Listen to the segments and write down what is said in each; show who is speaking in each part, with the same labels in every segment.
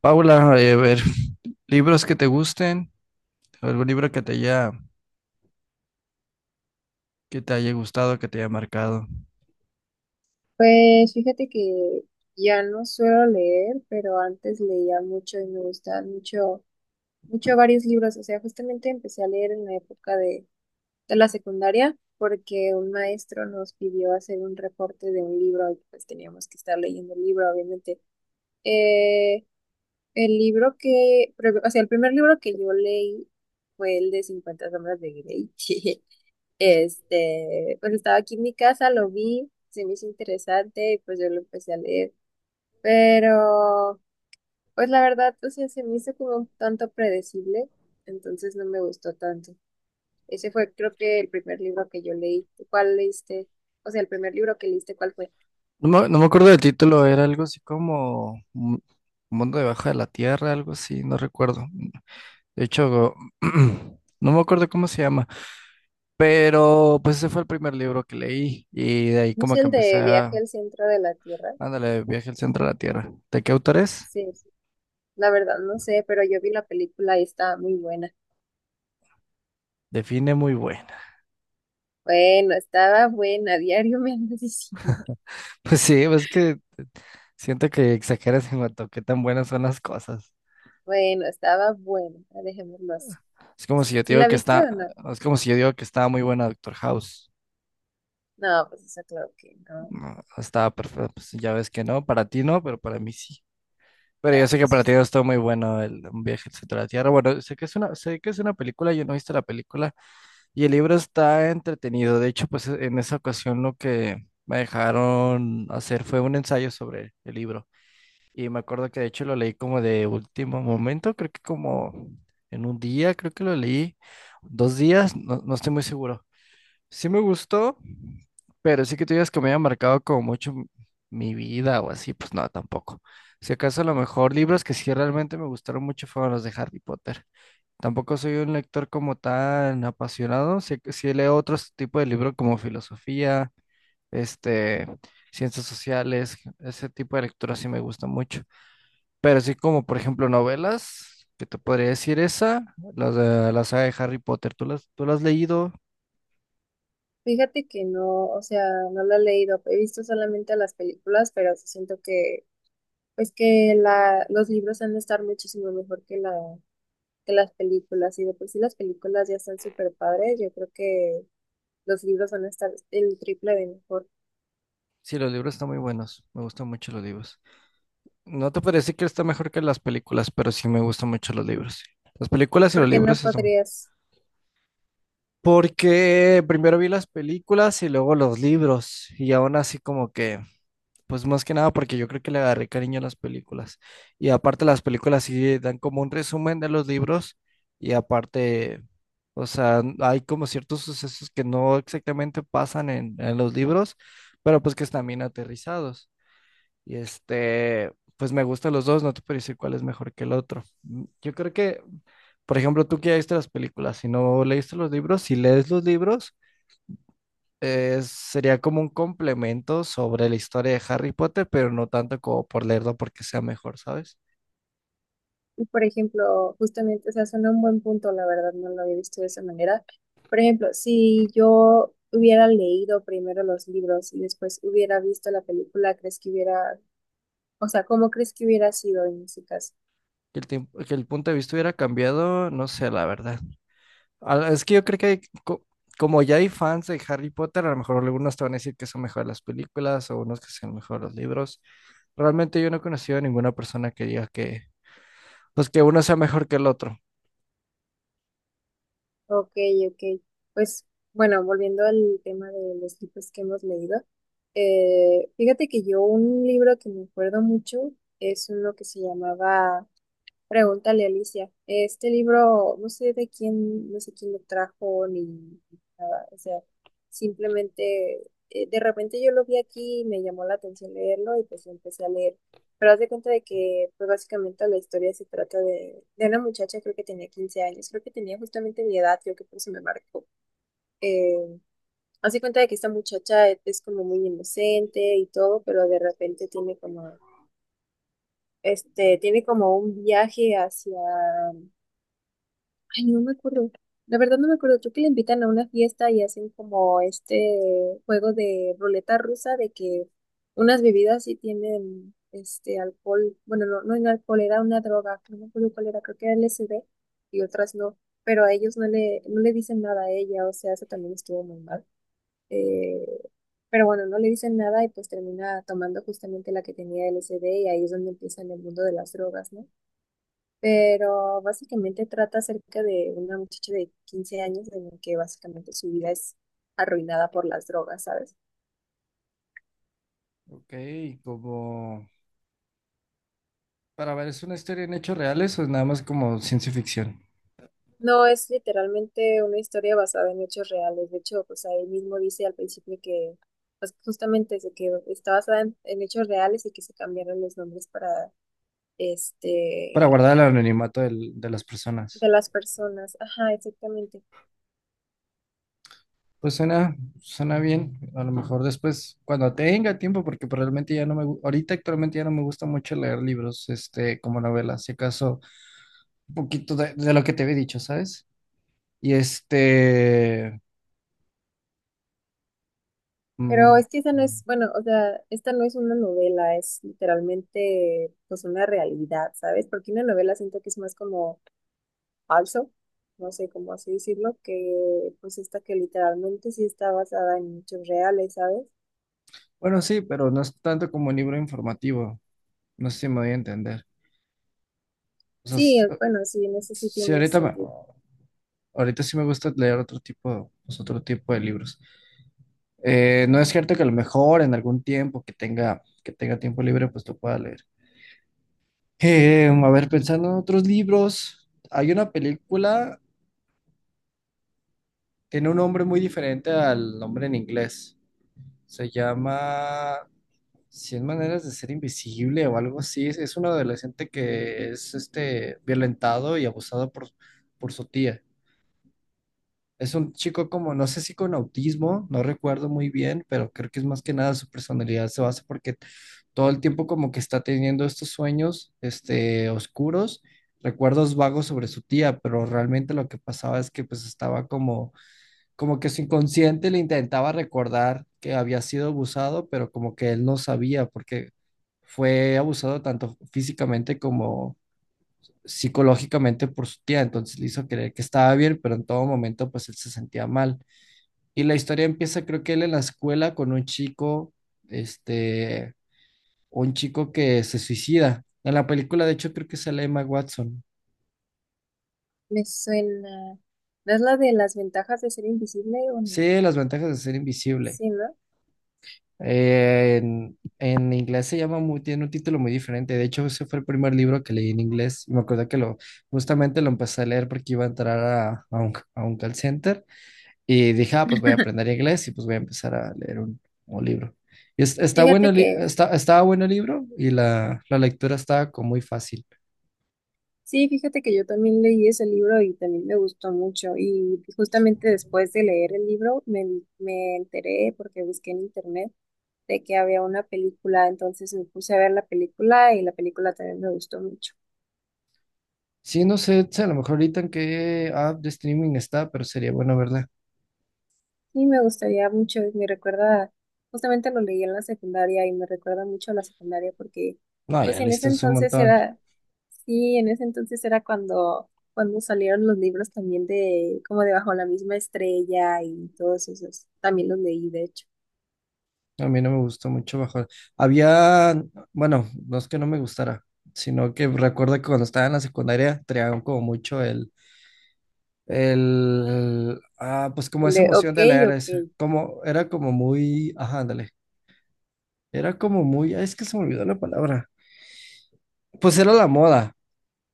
Speaker 1: Paula, a ver, libros que te gusten, algún libro que que te haya gustado, que te haya marcado.
Speaker 2: Pues fíjate que ya no suelo leer, pero antes leía mucho y me gustaban mucho varios libros. O sea, justamente empecé a leer en la época de la secundaria porque un maestro nos pidió hacer un reporte de un libro y pues teníamos que estar leyendo el libro, obviamente. Eh, el primer libro que yo leí fue el de 50 sombras de Grey. Pues estaba aquí en mi casa, lo vi, se me hizo interesante y pues yo lo empecé a leer. Pero pues la verdad, o sea, se me hizo como un tanto predecible, entonces no me gustó tanto. Ese fue, creo, que el primer libro que yo leí. ¿Cuál leíste? O sea, el primer libro que leíste, ¿cuál fue?
Speaker 1: No me acuerdo del título, era algo así como Mundo debajo de la Tierra, algo así, no recuerdo. De hecho, no me acuerdo cómo se llama, pero pues ese fue el primer libro que leí y de ahí
Speaker 2: ¿No es
Speaker 1: como que
Speaker 2: el
Speaker 1: empecé
Speaker 2: de Viaje
Speaker 1: a,
Speaker 2: al Centro de la Tierra?
Speaker 1: ándale, viaje al centro de la Tierra. ¿De qué autor es?
Speaker 2: Sí, sí, la verdad no sé, pero yo vi la película y estaba muy buena.
Speaker 1: Define muy buena.
Speaker 2: Bueno, estaba buena, diario me andas diciendo.
Speaker 1: Pues sí, pues es que siento que exageras en cuanto a qué tan buenas son las cosas.
Speaker 2: Bueno, estaba buena, ah, dejémoslo así.
Speaker 1: Es como
Speaker 2: ¿Sí,
Speaker 1: si yo te
Speaker 2: sí
Speaker 1: digo
Speaker 2: la
Speaker 1: que
Speaker 2: viste o
Speaker 1: está,
Speaker 2: no?
Speaker 1: es como si yo digo que estaba muy buena Doctor House.
Speaker 2: No, pues eso claro que no.
Speaker 1: No, estaba perfecta, pues ya ves que no, para ti no, pero para mí sí. Pero
Speaker 2: Ah,
Speaker 1: yo sé que para ti
Speaker 2: pues,
Speaker 1: no estuvo muy bueno el Un viaje al centro de la Tierra. Bueno, sé que es una, sé que es una película, yo no he visto la película y el libro está entretenido. De hecho, pues en esa ocasión lo que me dejaron hacer fue un ensayo sobre el libro. Y me acuerdo que de hecho lo leí como de último momento, creo que como en un día, creo que lo leí, dos días, no estoy muy seguro. Sí me gustó, pero sí que tú digas que me haya marcado como mucho mi vida o así, pues no, tampoco. Si acaso a lo mejor libros que sí realmente me gustaron mucho fueron los de Harry Potter. Tampoco soy un lector como tan apasionado, sí, sí leo otros tipo de libros como filosofía, este, ciencias sociales, ese tipo de lectura sí me gusta mucho. Pero sí como, por ejemplo, novelas, que te podría decir esa, las de la saga de Harry Potter, tú las has leído?
Speaker 2: fíjate que no, o sea, no la he leído, he visto solamente las películas, pero sí siento que, pues que los libros han de estar muchísimo mejor que que las películas, y de por sí las películas ya están súper padres, yo creo que los libros van a estar el triple de mejor,
Speaker 1: Sí, los libros están muy buenos. Me gustan mucho los libros. No te parece que está mejor que las películas, pero sí me gustan mucho los libros. Las películas y los
Speaker 2: porque no
Speaker 1: libros eso.
Speaker 2: podrías,
Speaker 1: Porque primero vi las películas y luego los libros. Y aún así como que, pues más que nada porque yo creo que le agarré cariño a las películas. Y aparte las películas sí dan como un resumen de los libros. Y aparte, o sea, hay como ciertos sucesos que no exactamente pasan en los libros, pero pues que están bien aterrizados. Y pues me gustan los dos, no te puedo decir cuál es mejor que el otro. Mm, yo creo que, por ejemplo, tú que ya viste las películas, si no leíste los libros, si lees los libros, sería como un complemento sobre la historia de Harry Potter, pero no tanto como por leerlo porque sea mejor, ¿sabes?
Speaker 2: y por ejemplo, justamente, o sea, suena un buen punto, la verdad, no lo había visto de esa manera. Por ejemplo, si yo hubiera leído primero los libros y después hubiera visto la película, ¿crees que hubiera... O sea, ¿cómo crees que hubiera sido en ese caso?
Speaker 1: Que el tiempo que el punto de vista hubiera cambiado, no sé, la verdad. Ah, es que yo creo que hay como ya hay fans de Harry Potter, a lo mejor algunos te van a decir que son mejor las películas o unos que son mejor los libros. Realmente yo no he conocido a ninguna persona que diga que, pues que uno sea mejor que el otro.
Speaker 2: Ok, ok. Pues bueno, volviendo al tema de los libros que hemos leído, fíjate que yo un libro que me acuerdo mucho es uno que se llamaba Pregúntale, Alicia. Este libro, no sé de quién, no sé quién lo trajo ni nada. O sea, simplemente de repente yo lo vi aquí y me llamó la atención leerlo y pues lo empecé a leer. Pero haz de cuenta de que pues básicamente la historia se trata de una muchacha, creo que tenía 15 años, creo que tenía justamente mi edad, creo que por eso me marcó. Eh, Haz de cuenta de que esta muchacha es como muy inocente y todo, pero de repente tiene como, tiene como un viaje hacia... Ay, no me acuerdo. La verdad no me acuerdo. Creo que le invitan a una fiesta y hacen como este juego de ruleta rusa de que unas bebidas sí tienen este alcohol. Bueno, no, no era alcohol, era una droga. No me acuerdo cuál era, creo que era LSD y otras no. Pero a ellos no le dicen nada a ella, o sea, eso también estuvo muy mal. Eh, pero bueno, no le dicen nada y pues termina tomando justamente la que tenía LSD y ahí es donde empieza en el mundo de las drogas, ¿no? Pero básicamente trata acerca de una muchacha de 15 años, en el que básicamente su vida es arruinada por las drogas, ¿sabes?
Speaker 1: Ok, como para ver, ¿es una historia en hechos reales o es nada más como ciencia ficción?
Speaker 2: No, es literalmente una historia basada en hechos reales, de hecho, pues ahí mismo dice al principio que pues justamente es de que está basada en hechos reales y que se cambiaron los nombres para
Speaker 1: Para
Speaker 2: este
Speaker 1: guardar el de las personas.
Speaker 2: de las personas. Ajá, exactamente.
Speaker 1: Pues suena, suena bien. A lo mejor después, cuando tenga tiempo, porque pues, realmente ya no ahorita actualmente ya no me gusta mucho leer libros, como novelas. Si acaso un poquito de lo que te había dicho, ¿sabes? Y
Speaker 2: Pero
Speaker 1: mm,
Speaker 2: es que esa no es, bueno, o sea, esta no es una novela, es literalmente pues una realidad, ¿sabes? Porque una novela siento que es más como falso, no sé cómo así decirlo, que pues esta que literalmente sí está basada en hechos reales, ¿sabes?
Speaker 1: bueno, sí, pero no es tanto como un libro informativo, no sé si me voy a entender. O sea,
Speaker 2: Sí, bueno, sí, en eso sí
Speaker 1: sí,
Speaker 2: tiene sentido.
Speaker 1: ahorita sí me gusta leer otro tipo, pues, otro tipo de libros. No es cierto que a lo mejor en algún tiempo que que tenga tiempo libre, pues lo pueda leer. A ver, pensando en otros libros, hay una película, tiene un nombre muy diferente al nombre en inglés. Se llama 100 maneras de ser invisible o algo así. Es un adolescente que es violentado y abusado por su tía. Es un chico como, no sé si con autismo, no recuerdo muy bien, pero creo que es más que nada su personalidad se basa porque todo el tiempo como que está teniendo estos sueños, oscuros, recuerdos vagos sobre su tía, pero realmente lo que pasaba es que pues estaba como que su inconsciente le intentaba recordar que había sido abusado, pero como que él no sabía porque fue abusado tanto físicamente como psicológicamente por su tía, entonces le hizo creer que estaba bien, pero en todo momento pues él se sentía mal. Y la historia empieza, creo que él en la escuela con un chico, este, un chico que se suicida. En la película, de hecho, creo que sale Emma Watson.
Speaker 2: Me suena. ¿No es la de las ventajas de ser invisible o no?
Speaker 1: Sí, las ventajas de ser invisible.
Speaker 2: Sí, ¿no?
Speaker 1: En inglés se llama muy, tiene un título muy diferente. De hecho, ese fue el primer libro que leí en inglés. Y me acuerdo que justamente lo empecé a leer porque iba a entrar a un call center. Y dije, ah, pues voy a aprender inglés y pues voy a empezar a leer un libro. Y está bueno,
Speaker 2: Fíjate que...
Speaker 1: está, estaba bueno el libro y la lectura estaba como muy fácil.
Speaker 2: Sí, fíjate que yo también leí ese libro y también me gustó mucho. Y justamente después de leer el libro me, me enteré porque busqué en internet de que había una película, entonces me puse a ver la película y la película también me gustó mucho.
Speaker 1: Sí, no sé, si a lo mejor ahorita en qué app de streaming está, pero sería bueno verla.
Speaker 2: Sí, me gustaría mucho, y me recuerda, justamente lo leí en la secundaria y me recuerda mucho a la secundaria porque,
Speaker 1: No,
Speaker 2: pues
Speaker 1: ya
Speaker 2: en ese
Speaker 1: listo es un
Speaker 2: entonces
Speaker 1: montón.
Speaker 2: era, sí, en ese entonces era cuando, cuando salieron los libros también de, como de Bajo la misma estrella y todos esos, también los leí de hecho,
Speaker 1: A mí no me gustó mucho bajo. Había, bueno, no es que no me gustara, sino que recuerdo que cuando estaba en la secundaria traían como mucho pues como
Speaker 2: el
Speaker 1: esa
Speaker 2: de
Speaker 1: emoción
Speaker 2: ok,
Speaker 1: de leer, ese,
Speaker 2: ok,
Speaker 1: como, era como muy, ajá, ándale, era como muy, ay, es que se me olvidó la palabra. Pues era la moda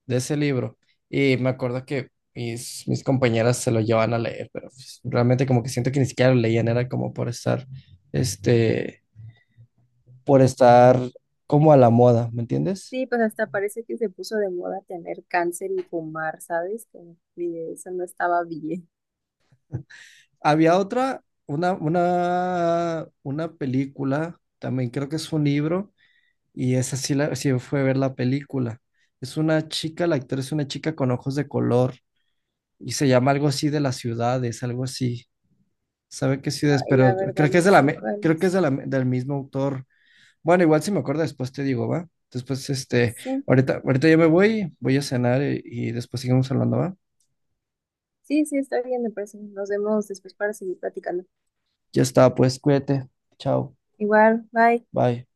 Speaker 1: de ese libro y me acuerdo que mis compañeras se lo llevaban a leer, pero pues, realmente como que siento que ni siquiera lo leían, era como por este, por estar como a la moda, ¿me entiendes?
Speaker 2: sí, pues hasta parece que se puso de moda tener cáncer y fumar, ¿sabes? Como que eso no estaba bien.
Speaker 1: Había otra, una película, también creo que es un libro, y esa sí, sí fue ver la película. Es una chica, la actriz es una chica con ojos de color, y se llama algo así de las ciudades, algo así. ¿Sabe qué
Speaker 2: Ah,
Speaker 1: ciudades?
Speaker 2: y la
Speaker 1: Pero
Speaker 2: verdad
Speaker 1: creo que es
Speaker 2: no
Speaker 1: de
Speaker 2: sé cuál
Speaker 1: creo que es
Speaker 2: es,
Speaker 1: de la, del mismo autor. Bueno, igual si me acuerdo después te digo, ¿va? Después,
Speaker 2: sí.
Speaker 1: ahorita yo me voy a cenar y después seguimos hablando, ¿va?
Speaker 2: Sí, sí, está bien, me parece. Nos vemos después para seguir platicando.
Speaker 1: Ya está, pues cuídate. Chao.
Speaker 2: Igual, bye.
Speaker 1: Bye.